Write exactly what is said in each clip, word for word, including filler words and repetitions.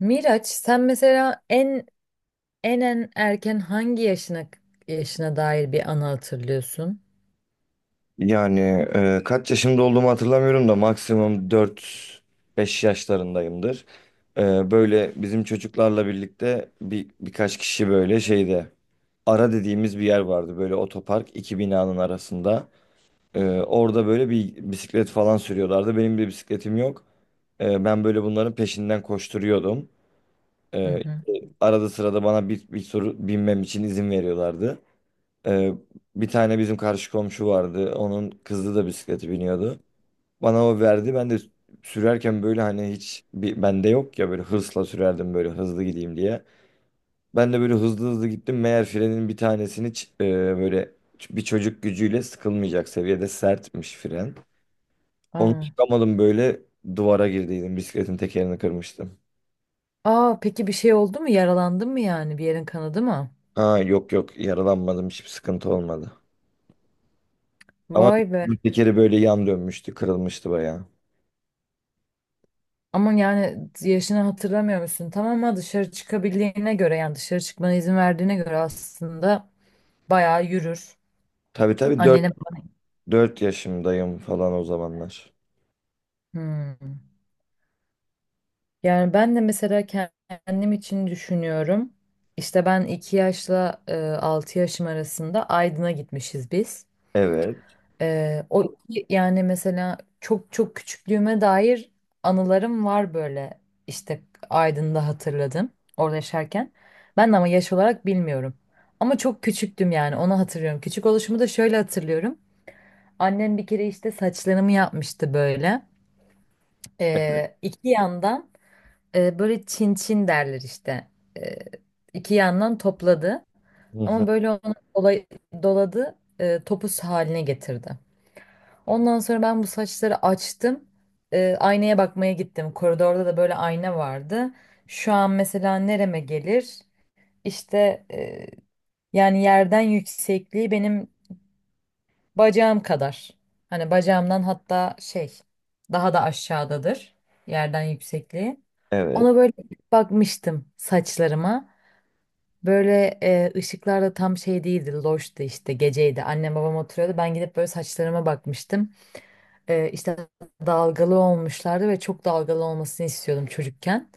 Miraç, sen mesela en en en erken hangi yaşına yaşına dair bir anı hatırlıyorsun? Yani e, kaç yaşımda olduğumu hatırlamıyorum da maksimum dört beş yaşlarındayımdır. E, böyle bizim çocuklarla birlikte bir birkaç kişi böyle şeyde ara dediğimiz bir yer vardı. Böyle otopark iki binanın arasında. E, orada böyle bir bisiklet falan sürüyorlardı. Benim bir bisikletim yok. E, ben böyle bunların peşinden koşturuyordum. Hı E, hı. arada sırada bana bir, bir soru binmem için izin veriyorlardı. E, bir tane bizim karşı komşu vardı. Onun kızı da bisikleti biniyordu. Bana o verdi. Ben de sürerken böyle hani hiç bir bende yok ya böyle hırsla sürerdim böyle hızlı gideyim diye. Ben de böyle hızlı hızlı gittim. Meğer frenin bir tanesini ç- e, böyle ç- bir çocuk gücüyle sıkılmayacak seviyede sertmiş fren. Onu Aa. çıkamadım böyle duvara girdiydim. Bisikletin tekerini kırmıştım. Aa, peki bir şey oldu mu? Yaralandın mı yani? Bir yerin kanadı mı? Ha, yok yok yaralanmadım. Hiçbir sıkıntı olmadı. Ama Vay be. tekeri böyle yan dönmüştü, kırılmıştı bayağı. Ama yani yaşını hatırlamıyor musun? Tamam ama dışarı çıkabildiğine göre yani dışarı çıkmana izin verdiğine göre aslında bayağı yürür. Tabii tabii dört Annene falan. dört yaşımdayım falan o zamanlar. Hmm. Yani ben de mesela kendim için düşünüyorum. İşte ben iki yaşla e, altı yaşım arasında Aydın'a gitmişiz biz. Evet. E, o iki- yani mesela çok çok küçüklüğüme dair anılarım var böyle. İşte Aydın'da hatırladım orada yaşarken. Ben de ama yaş olarak bilmiyorum. Ama çok küçüktüm yani onu hatırlıyorum. Küçük oluşumu da şöyle hatırlıyorum. Annem bir kere işte saçlarımı yapmıştı böyle. E, iki yandan. E, böyle çin çin derler işte. E, iki yandan topladı. Hı Ama hı. böyle onu dolay- doladı, e, topuz haline getirdi. Ondan sonra ben bu saçları açtım. E, aynaya bakmaya gittim. Koridorda da böyle ayna vardı. Şu an mesela nereme gelir? İşte, e, yani yerden yüksekliği benim bacağım kadar. Hani bacağımdan hatta şey daha da aşağıdadır yerden yüksekliği. Evet. Ona böyle bakmıştım saçlarıma. Böyle e, ışıklar da tam şey değildi, loştu işte geceydi. Annem babam oturuyordu. Ben gidip böyle saçlarıma bakmıştım. E, işte dalgalı olmuşlardı ve çok dalgalı olmasını istiyordum çocukken.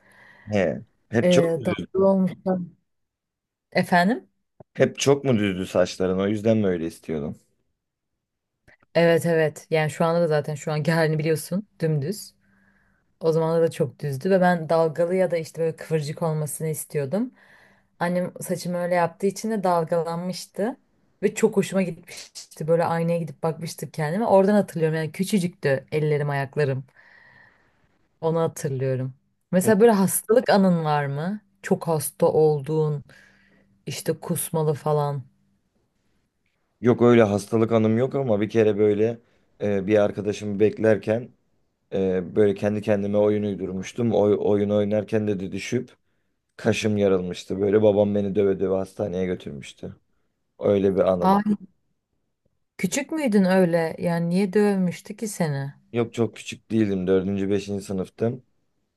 He. Hep çok E, mu düzdü? Dalgalı olmuşlar. Efendim? Hep çok mu düzdü saçların? O yüzden mi öyle istiyordun? Evet, evet. Yani şu anda da zaten şu anki halini biliyorsun. Dümdüz. O zamanlar da çok düzdü ve ben dalgalı ya da işte böyle kıvırcık olmasını istiyordum. Annem saçımı öyle yaptığı için de dalgalanmıştı ve çok hoşuma gitmişti. Böyle aynaya gidip bakmıştım kendime. Oradan hatırlıyorum yani küçücüktü ellerim ayaklarım. Onu hatırlıyorum. Mesela Hep böyle hastalık anın var mı? Çok hasta olduğun, işte kusmalı falan. Yok, öyle hastalık anım yok ama bir kere böyle e, bir arkadaşımı beklerken e, böyle kendi kendime oyun uydurmuştum. Oy, oyun oynarken de de düşüp kaşım yarılmıştı. Böyle babam beni döve döve hastaneye götürmüştü. Öyle bir Aa, anım. küçük müydün öyle? Yani niye dövmüştü ki seni? Yok, çok küçük değildim. Dördüncü, beşinci sınıftım.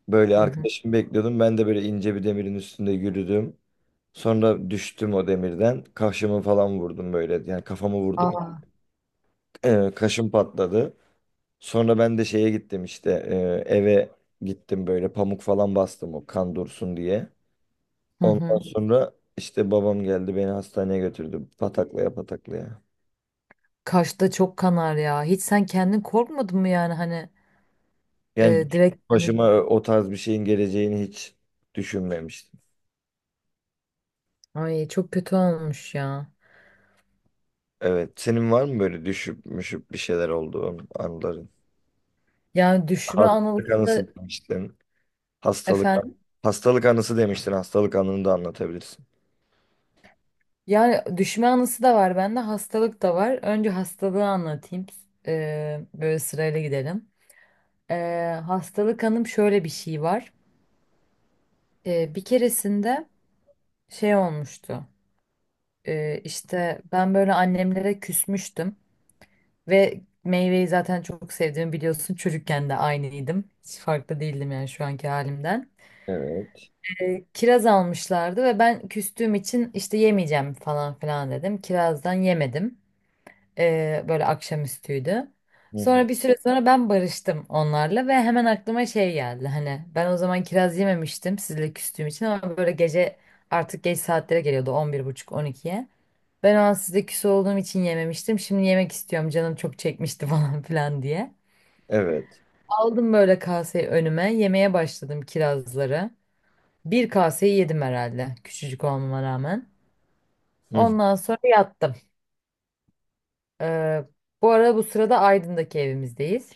Böyle Hı hı. arkadaşımı bekliyordum. Ben de böyle ince bir demirin üstünde yürüdüm. Sonra düştüm o demirden. Kaşımı falan vurdum böyle. Yani kafamı vurdum. Aa. Ee, kaşım patladı. Sonra ben de şeye gittim işte. e, eve gittim böyle pamuk falan bastım o kan dursun diye. Hı Ondan hı. sonra işte babam geldi beni hastaneye götürdü. Pataklaya pataklaya. Kaşta çok kanar ya. Hiç sen kendin korkmadın mı yani hani Yani Ee, direkt yani başıma o tarz bir şeyin geleceğini hiç düşünmemiştim. ay çok kötü olmuş ya. Evet. Senin var mı böyle düşüp müşüp bir şeyler olduğu anların? Yani düşme anısı Hastalık da- anısı demiştin. Hastalık efendim. hastalık anısı demiştin. Hastalık anını da anlatabilirsin. Yani düşme anısı da var bende, hastalık da var. Önce hastalığı anlatayım. Ee, böyle sırayla gidelim. Ee, hastalık anım şöyle bir şey var. Ee, bir keresinde şey olmuştu. Ee, işte ben böyle annemlere küsmüştüm ve meyveyi zaten çok sevdiğimi biliyorsun. Çocukken de aynıydım. Hiç farklı değildim yani şu anki halimden. Evet. E, kiraz almışlardı ve ben küstüğüm için işte yemeyeceğim falan filan dedim. Kirazdan yemedim. E, böyle akşamüstüydü. Hı hı. Sonra bir süre sonra ben barıştım onlarla ve hemen aklıma şey geldi. Hani ben o zaman kiraz yememiştim sizle küstüğüm için, ama böyle gece artık geç saatlere geliyordu, on bir buçuk on ikiye. Ben o an sizle küs olduğum için yememiştim. Şimdi yemek istiyorum, canım çok çekmişti falan filan diye. Evet. Aldım böyle kaseyi önüme, yemeye başladım kirazları. Bir kaseyi yedim herhalde, küçücük olmama rağmen. Hı hı. Ondan sonra yattım. Ee, Bu arada bu sırada Aydın'daki evimizdeyiz.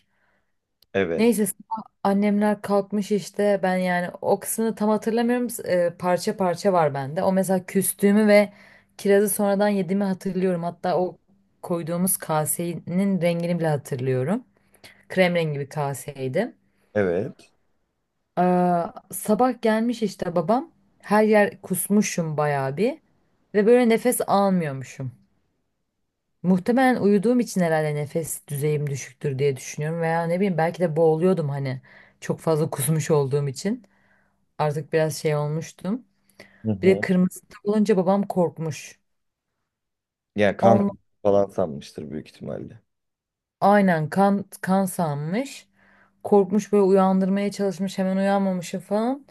Evet. Neyse sabah annemler kalkmış işte, ben yani o kısmını tam hatırlamıyorum. Ee, parça parça var bende. O mesela küstüğümü ve kirazı sonradan yediğimi hatırlıyorum. Hatta o koyduğumuz kasenin rengini bile hatırlıyorum. Krem rengi bir kaseydi. Evet. Aa, sabah gelmiş işte babam. Her yer kusmuşum bayağı bir. Ve böyle nefes almıyormuşum. Muhtemelen uyuduğum için herhalde nefes düzeyim düşüktür diye düşünüyorum. Veya ne bileyim, belki de boğuluyordum hani. Çok fazla kusmuş olduğum için. Artık biraz şey olmuştum. Hı Bir de hı. kırmızı tık olunca babam korkmuş. Yani kan falan sanmıştır büyük ihtimalle. Aynen, kan kan sanmış. Korkmuş böyle uyandırmaya çalışmış, hemen uyanmamışım falan.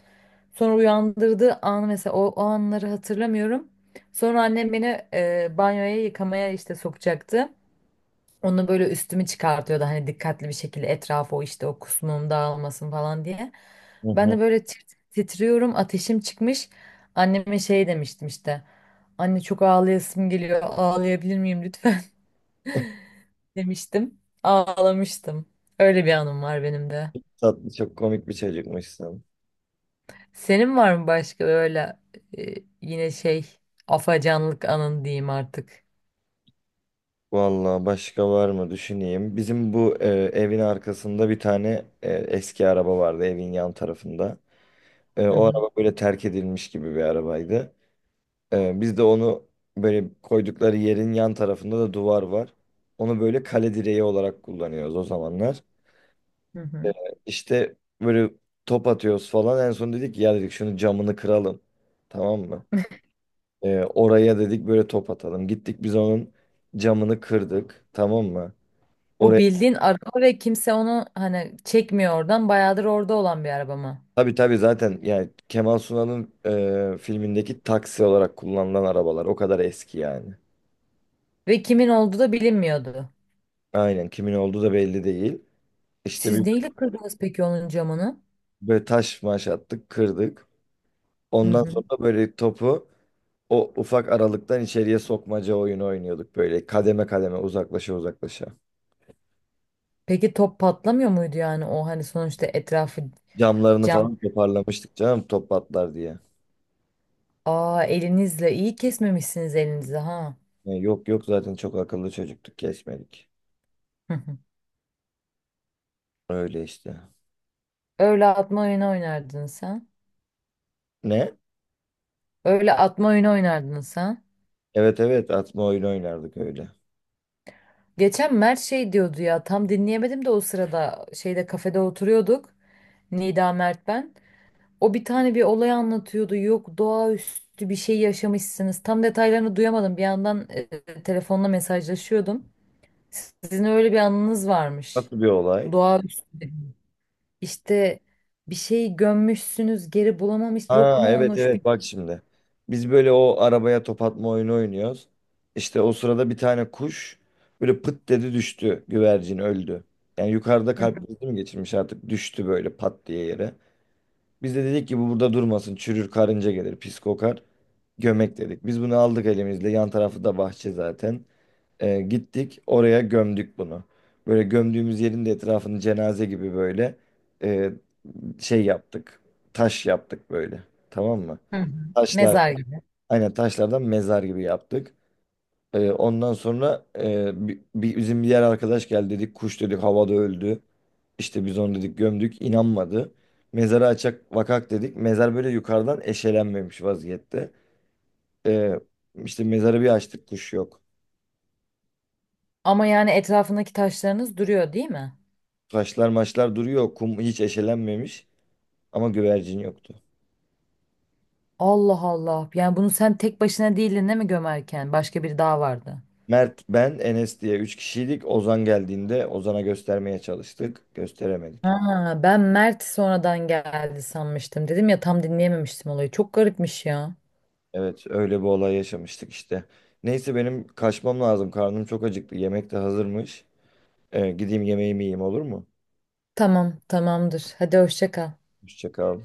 Sonra uyandırdığı an mesela o, o anları hatırlamıyorum. Sonra annem beni e, banyoya yıkamaya işte sokacaktı. Onu böyle üstümü çıkartıyordu, hani dikkatli bir şekilde, etrafı o işte o kusmum dağılmasın falan diye. Hı Ben hı. de böyle tir- titriyorum, ateşim çıkmış. Anneme şey demiştim işte. Anne çok ağlayasım geliyor, ağlayabilir miyim lütfen? Demiştim. Ağlamıştım. Öyle bir anım var benim de. Tatlı, çok komik bir çocukmuşsun. Senin var mı başka öyle, e, yine şey, afacanlık anın diyeyim artık. Vallahi başka var mı düşüneyim. Bizim bu e, evin arkasında bir tane e, eski araba vardı evin yan tarafında. E, Hı o hı. araba böyle terk edilmiş gibi bir arabaydı. Ee, biz de onu böyle koydukları yerin yan tarafında da duvar var. Onu böyle kale direği olarak kullanıyoruz o zamanlar. Hı Ee, hı. işte böyle top atıyoruz falan. En son dedik ki, ya dedik şunu camını kıralım. Tamam mı? Ee, oraya dedik böyle top atalım. Gittik biz onun camını kırdık. Tamam mı? Bu Oraya bildiğin araba ve kimse onu hani çekmiyor oradan. Bayağıdır orada olan bir araba mı? tabii tabii zaten yani Kemal Sunal'ın e, filmindeki taksi olarak kullanılan arabalar o kadar eski yani. Ve kimin olduğu da bilinmiyordu. Aynen, kimin olduğu da belli değil. İşte Siz bir neyle kırdınız peki onun camını? böyle taş maş attık, kırdık. Hı Ondan hı. sonra böyle topu o ufak aralıktan içeriye sokmaca oyunu oynuyorduk böyle kademe kademe uzaklaşa uzaklaşa. Peki top patlamıyor muydu yani, o hani sonuçta etrafı Camlarını cam. falan toparlamıştık canım top patlar diye. Aa, elinizle iyi kesmemişsiniz elinizi ha. Yani yok yok zaten çok akıllı çocuktuk kesmedik. Öyle işte. Öyle atma oyunu oynardın sen. Ne? Öyle atma oyunu oynardın sen. Evet evet, atma oyunu oynardık öyle. Geçen Mert şey diyordu ya, tam dinleyemedim de o sırada şeyde, kafede oturuyorduk. Nida, Mert, ben. O bir tane bir olay anlatıyordu. Yok, doğaüstü bir şey yaşamışsınız. Tam detaylarını duyamadım. Bir yandan e, telefonla mesajlaşıyordum. Sizin öyle bir anınız varmış. Nasıl bir olay? Doğaüstü. İşte bir şeyi gömmüşsünüz geri bulamamış, yok Ha, mu evet olmuş bir evet, bak şimdi. Biz böyle o arabaya top atma oyunu oynuyoruz. İşte o sırada bir tane kuş böyle pıt dedi düştü. Güvercin öldü. Yani yukarıda Hı kalp hı. krizi mi geçirmiş artık düştü böyle pat diye yere. Biz de dedik ki bu burada durmasın, çürür, karınca gelir, pis kokar. Gömek dedik. Biz bunu aldık elimizle, yan tarafı da bahçe zaten. Ee, gittik oraya gömdük bunu. Böyle gömdüğümüz yerin de etrafını cenaze gibi böyle e, şey yaptık. Taş yaptık böyle. Tamam mı? Hı hı. Taşlar, mezar gibi. aynen taşlardan mezar gibi yaptık. Ee, ondan sonra e, bi- bi- bizim bir diğer arkadaş geldi, dedik kuş, dedik havada öldü. İşte biz onu dedik gömdük, inanmadı. Mezarı açak vakak dedik. Mezar böyle yukarıdan eşelenmemiş vaziyette. Ee, işte mezarı bir açtık, kuş yok. Ama yani etrafındaki taşlarınız duruyor değil mi? Taşlar maçlar duruyor, kum hiç eşelenmemiş ama güvercin yoktu. Allah Allah. Yani bunu sen tek başına değildin değil mi gömerken? Başka biri daha vardı. Mert, ben, Enes diye üç kişiydik. Ozan geldiğinde Ozan'a göstermeye çalıştık. Gösteremedik. Ha, ben Mert sonradan geldi sanmıştım. Dedim ya tam dinleyememiştim olayı. Çok garipmiş ya. Evet, öyle bir olay yaşamıştık işte. Neyse benim kaçmam lazım. Karnım çok acıktı. Yemek de hazırmış. Ee, gideyim yemeğimi yiyeyim, olur mu? Tamam, tamamdır. Hadi hoşça kal. Hoşça kal.